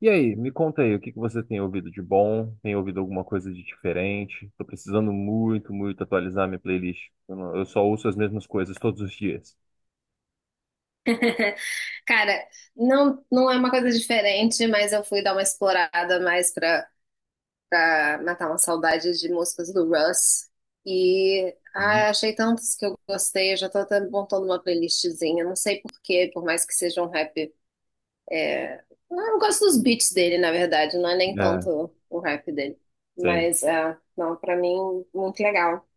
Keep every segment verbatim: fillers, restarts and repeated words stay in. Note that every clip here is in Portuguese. E aí, me conta aí, o que que você tem ouvido de bom? Tem ouvido alguma coisa de diferente? Tô precisando muito, muito atualizar minha playlist. Eu, não- eu só ouço as mesmas coisas todos os dias. Cara, não, não é uma coisa diferente, mas eu fui dar uma explorada mais pra, pra matar uma saudade de músicas do Russ. E Uhum. ah, achei tantos que eu gostei, eu já tô até montando uma playlistzinha. Não sei por quê, por mais que seja um rap. É... Eu gosto dos beats dele, na verdade, não é nem É, tanto o rap dele. sim, Mas, ah, não, pra mim, muito legal.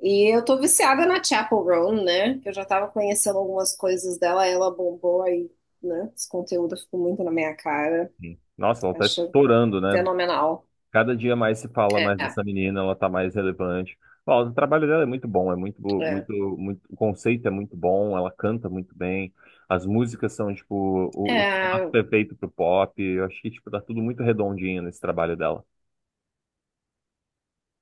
E eu tô viciada na Chapel Roan, né? Que eu já tava conhecendo algumas coisas dela, ela bombou aí, né? Esse conteúdo ficou muito na minha cara. sim. Nossa, ela tá Acho estourando, né? fenomenal. Cada dia mais se fala É, mais dessa menina, ela tá mais relevante. Ó, o trabalho dela é muito bom, é muito, bo- é. muito, muito, o conceito é muito bom, ela canta muito bem, as músicas são, tipo, o, o formato É, perfeito pro pop. Eu acho que, tipo, tá tudo muito redondinho nesse trabalho dela.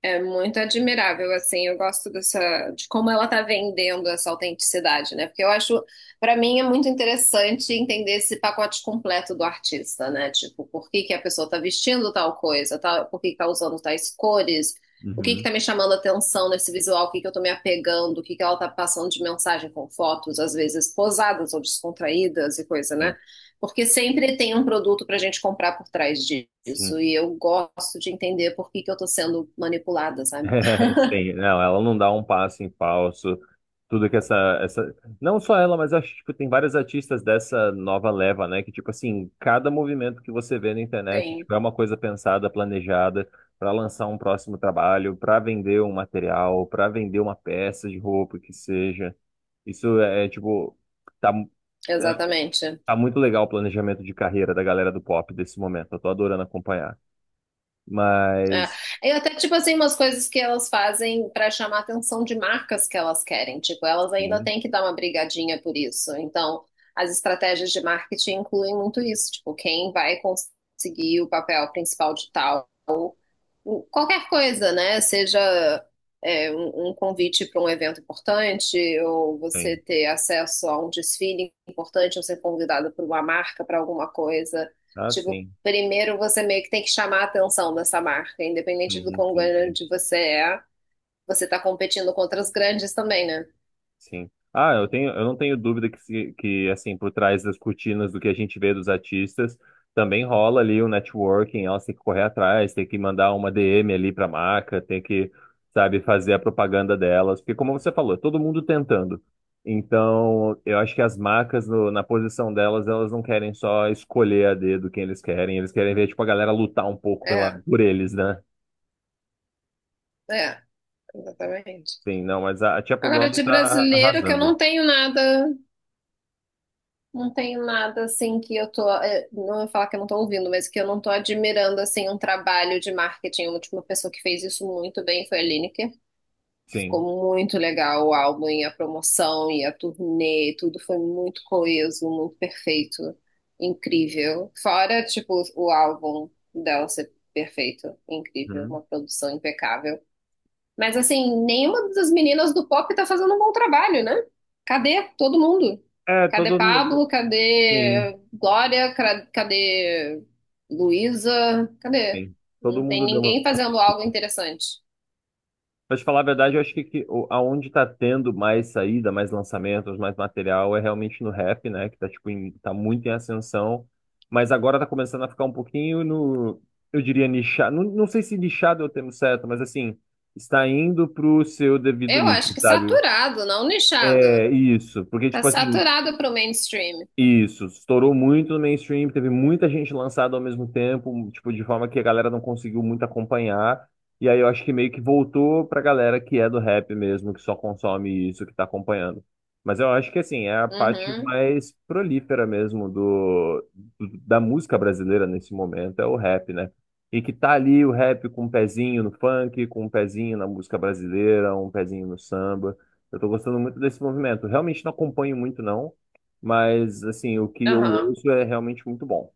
É muito admirável, assim, eu gosto dessa, de como ela tá vendendo essa autenticidade, né? Porque eu acho, pra mim, é muito interessante entender esse pacote completo do artista, né? Tipo, por que que a pessoa tá vestindo tal coisa, tal, por que que tá usando tais cores, o que que tá Uhum, me chamando a atenção nesse visual, o que que eu tô me apegando, o que que ela tá passando de mensagem com fotos, às vezes posadas ou descontraídas e coisa, sim. né? Porque sempre tem um produto para a gente comprar por trás Sim. disso. E eu gosto de entender por que que eu estou sendo manipulada, sabe? Sim, não, ela não dá um passo em falso. Tudo que essa, essa. Não só ela, mas acho que tipo, tem vários artistas dessa nova leva, né? Que, tipo assim, cada movimento que você vê na internet, Tem. tipo, é uma coisa pensada, planejada, para lançar um próximo trabalho, para vender um material, para vender uma peça de roupa, que seja. Isso é, é, tipo, tá, é, Exatamente. tá muito legal o planejamento de carreira da galera do pop desse momento. Eu tô adorando acompanhar. É. Mas, E até, tipo assim, umas coisas que elas fazem para chamar a atenção de marcas que elas querem. Tipo, elas ainda sim, têm que dar uma brigadinha por isso. Então, as estratégias de marketing incluem muito isso. Tipo, quem vai conseguir o papel principal de tal o- qualquer coisa, né? Seja é, um, um convite para um evento importante, ou você sim. ter acesso a um desfile importante, ou ser convidado por uma marca para alguma coisa. Ah, Tipo, sim. primeiro você meio que tem que chamar a atenção dessa marca, independente do Sim, quão sim, sim. grande você é, você está competindo contra os grandes também, né? Sim. Ah, eu tenho, eu não tenho dúvida que, se- que assim, por trás das cortinas do que a gente vê dos artistas, também rola ali o networking, elas têm que correr atrás, tem que mandar uma D M ali para a marca, tem que, sabe, fazer a propaganda delas, porque como você falou, é todo mundo tentando. Então, eu acho que as marcas no- na posição delas, elas não querem só escolher a dedo quem eles querem, eles querem ver, tipo, a galera lutar um pouco pela, É, por eles, né? é, exatamente. Sim, não, mas a, a Chappell Agora, Roan de tá brasileiro, que eu arrasando. não tenho nada. Não tenho nada assim que eu tô. eh, Não vou falar que eu não tô ouvindo, mas que eu não tô admirando assim um trabalho de marketing. A última pessoa que fez isso muito bem foi a Lineker. Sim. Ficou muito legal o álbum e a promoção e a turnê, tudo foi muito coeso, muito perfeito, incrível. Fora, tipo, o álbum dela ser perfeito, incrível, Uhum. uma produção impecável. Mas assim, nenhuma das meninas do pop tá fazendo um bom trabalho, né? Cadê todo mundo? É, Cadê todo mundo. Pablo? Sim, Cadê Glória? Cra- Cadê Luísa? Cadê? sim. Todo Não tem mundo deu uma. ninguém fazendo algo interessante. Mas falar a verdade, eu acho que, que o- aonde tá tendo mais saída, mais lançamentos, mais material, é realmente no rap, né? Que tá, tipo, em- tá muito em ascensão. Mas agora tá começando a ficar um pouquinho no. Eu diria nichado. Não, não sei se nichado é o termo certo, mas assim, está indo pro seu devido Eu nicho, acho que sabe? saturado, não nichado. É isso. Porque, Tá tipo assim, saturado pro mainstream. isso, estourou muito no mainstream, teve muita gente lançada ao mesmo tempo, tipo, de forma que a galera não conseguiu muito acompanhar. E aí eu acho que meio que voltou pra galera que é do rap mesmo, que só consome isso, que tá acompanhando. Mas eu acho que assim, é a parte Uhum, mais prolífera mesmo do, do- da música brasileira nesse momento, é o rap, né? E que tá ali o rap com um pezinho no funk, com um pezinho na música brasileira, um pezinho no samba. Eu tô gostando muito desse movimento. Realmente não acompanho muito, não. Mas, assim, o que eu aham. ouço é realmente muito bom.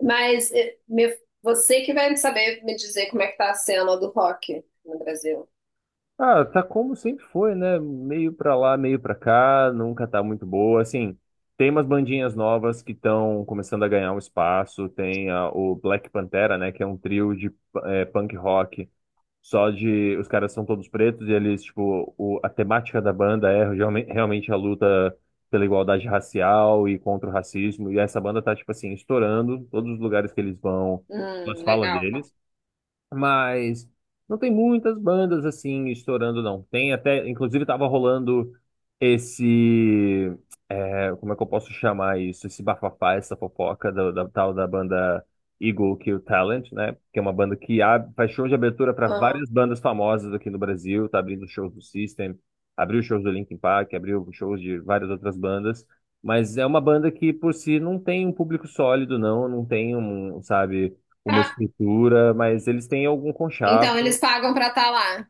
Mas eh, me- você que vai saber me dizer como é que tá a cena do rock no Brasil. Ah, tá como sempre foi, né? Meio pra lá, meio pra cá, nunca tá muito boa. Assim, tem umas bandinhas novas que estão começando a ganhar um espaço. Tem a- o Black Pantera, né? Que é um trio de eh, punk rock. Só de. Os caras são todos pretos e eles, tipo, o- a temática da banda é realme- realmente a luta pela igualdade racial e contra o racismo. E essa banda tá, tipo assim, estourando. Todos os lugares que eles vão, Hum, elas falam legal. deles. Mas não tem muitas bandas assim estourando, não. Tem até, inclusive, tava rolando esse é, como é que eu posso chamar isso? Esse bafafá, essa fofoca do- da tal da banda Eagle Kill Talent, né? Que é uma banda que abre, faz show de abertura para várias bandas famosas aqui no Brasil, tá abrindo shows do System, abriu shows do Linkin Park, abriu shows de várias outras bandas. Mas é uma banda que, por si, não tem um público sólido, não, não tem um, sabe, uma Ah. estrutura, mas eles têm algum Então, conchavo, eles pagam pra estar lá.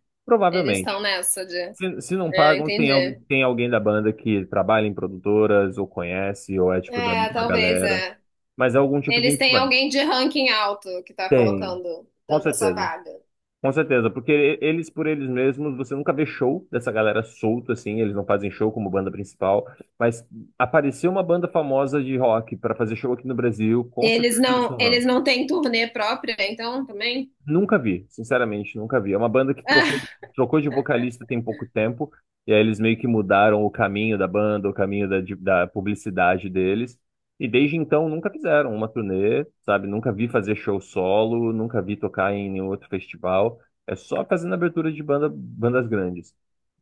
Eles estão provavelmente. nessa de. Se, se não É, pagam, tem entendi. alguém, tem alguém da banda que trabalha em produtoras, ou conhece, ou é tipo da É, mesma talvez, galera. é. Mas é algum tipo de Eles têm influência. alguém de ranking alto que tá Tem, colocando, com dando a sua certeza. vaga. Com certeza, porque e- eles por eles mesmos, você nunca vê show dessa galera solto assim, eles não fazem show como banda principal, mas apareceu uma banda famosa de rock para fazer show aqui no Brasil, E com eles certeza eles não, eles estão. não têm turnê própria, então, também? Nunca vi, sinceramente, nunca vi. É uma banda que trocou, trocou de vocalista tem pouco tempo, e aí eles meio que mudaram o caminho da banda, o caminho da, de- da publicidade deles, e desde então nunca fizeram uma turnê, sabe? Nunca vi fazer show solo, nunca vi tocar em nenhum outro festival, é só fazendo abertura de banda, bandas grandes.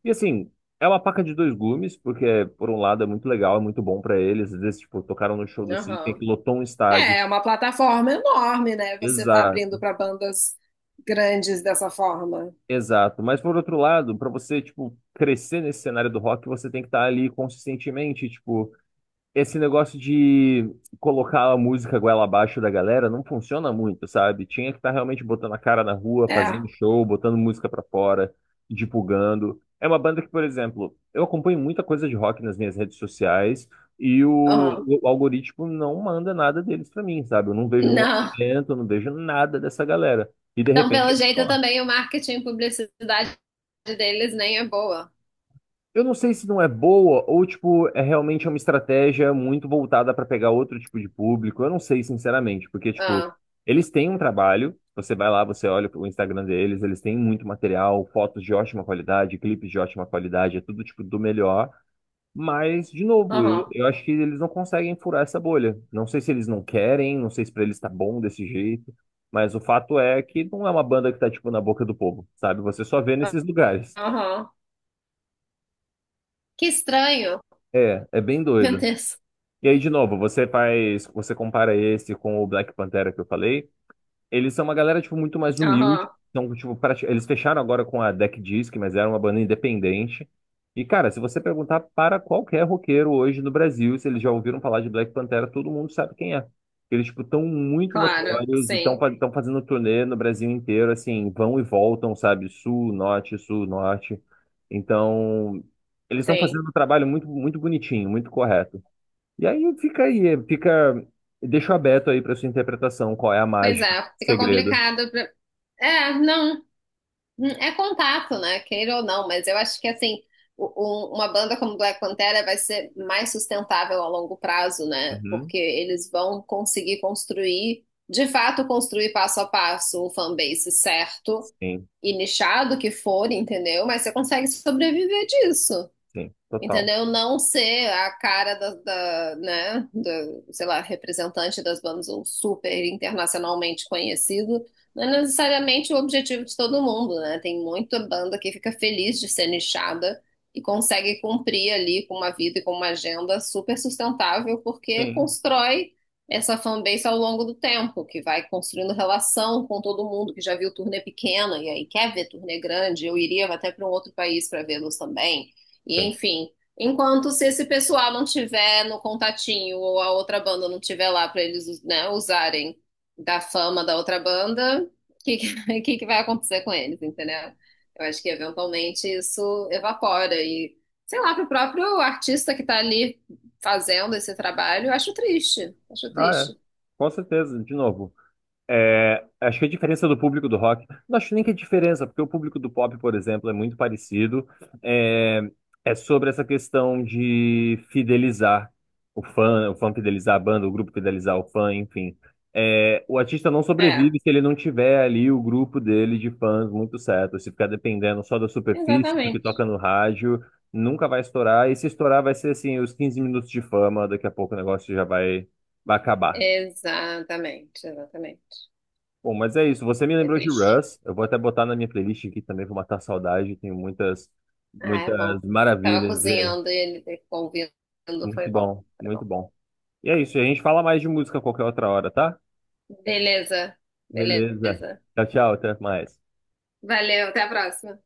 E assim, é uma faca de dois gumes, porque por um lado é muito legal, é muito bom pra eles, às vezes, tipo, tocaram no show do Ah, System aham. que lotou um estádio. É, é uma plataforma enorme, né? Você tá abrindo Exato. pra bandas grandes dessa forma. Exato, mas por outro lado, para você, tipo, crescer nesse cenário do rock, você tem que estar ali consistentemente, tipo, esse negócio de colocar a música goela abaixo da galera não funciona muito, sabe? Tinha que estar realmente botando a cara na rua, É, fazendo show, botando música pra fora, divulgando. É uma banda que, por exemplo, eu acompanho muita coisa de rock nas minhas redes sociais e o, aham. o algoritmo não manda nada deles pra mim, sabe? Eu não vejo um Não. lançamento, eu não vejo nada dessa galera. E de Então, repente pelo eles jeito, estão. também o marketing e publicidade deles nem é boa. Eu não sei se não é boa ou, tipo, é realmente uma estratégia muito voltada para pegar outro tipo de público. Eu não sei, sinceramente, porque, tipo, Ah, eles têm um trabalho. Você vai lá, você olha o Instagram deles, eles têm muito material, fotos de ótima qualidade, clipes de ótima qualidade, é tudo, tipo, do melhor. Mas, de novo, eu, aham. eu acho que eles não conseguem furar essa bolha. Não sei se eles não querem, não sei se pra eles tá bom desse jeito, mas o fato é que não é uma banda que tá, tipo, na boca do povo, sabe? Você só vê nesses lugares. Aham. Que estranho. É, é bem Meu doido. Deus. E aí, de novo, você faz, você compara esse com o Black Pantera que eu falei. Eles são uma galera, tipo, muito mais humilde. Aham, Então, tipo, prati- eles fecharam agora com a Deck Disc, mas era uma banda independente. E, cara, se você perguntar para qualquer roqueiro hoje no Brasil, se eles já ouviram falar de Black Pantera, todo mundo sabe quem é. Eles, tipo, estão muito claro, notórios e sim, estão fazendo turnê no Brasil inteiro, assim, vão e voltam, sabe? Sul, norte, sul, norte. Então, eles estão sim. fazendo um trabalho muito, muito bonitinho, muito correto. E aí fica aí, fica. Deixo aberto aí para sua interpretação, qual é a Pois mágica, é, o fica segredo. complicado pra... É, não, hum, é contato, né? Queira ou não, mas eu acho que assim, o- um- uma banda como Black Pantera vai ser mais sustentável a longo prazo, né? Uhum. Porque eles vão conseguir construir, de fato, construir passo a passo o fanbase certo Sim, e nichado que for, entendeu? Mas você consegue sobreviver disso. sim, total. Entendeu? Não ser a cara da, da, né, do, sei lá, representante das bandas ou super internacionalmente conhecido, não é necessariamente o objetivo de todo mundo, né? Tem muita banda que fica feliz de ser nichada e consegue cumprir ali com uma vida e com uma agenda super sustentável, porque Sim, constrói essa fanbase ao longo do tempo, que vai construindo relação com todo mundo que já viu turnê pequena e aí quer ver turnê grande. Eu iria até para um outro país para vê-los também. E sim. enfim. Enquanto se esse pessoal não tiver no contatinho ou a outra banda não tiver lá para eles, né, usarem da fama da outra banda, o que, que, que que vai acontecer com eles, entendeu? Eu acho que eventualmente isso evapora e, sei lá, para o próprio artista que está ali fazendo esse trabalho, eu acho triste, acho Ah, é. triste. Com certeza, de novo. É, acho que a diferença do público do rock, não acho nem que é diferença, porque o público do pop, por exemplo, é muito parecido. É, é sobre essa questão de fidelizar o fã, o fã fidelizar a banda, o grupo fidelizar o fã, enfim. É, o artista não É, sobrevive se ele não tiver ali o grupo dele de fãs muito certo. Se ficar dependendo só da superfície, do que exatamente. toca no rádio, nunca vai estourar. E se estourar, vai ser assim, os quinze minutos de fama, daqui a pouco o negócio já vai, vai acabar. Exatamente, exatamente. Bom, mas é isso. Você me Que é lembrou de triste. Russ. Eu vou até botar na minha playlist aqui também, vou matar a saudade. Tenho muitas, Ah, é muitas bom. Tava maravilhas dele. cozinhando e ele ouvindo, foi Muito bom, bom, foi muito bom. bom. E é isso. A gente fala mais de música a qualquer outra hora, tá? Beleza, Beleza. beleza. Tchau, tchau. Até mais. Valeu, até a próxima.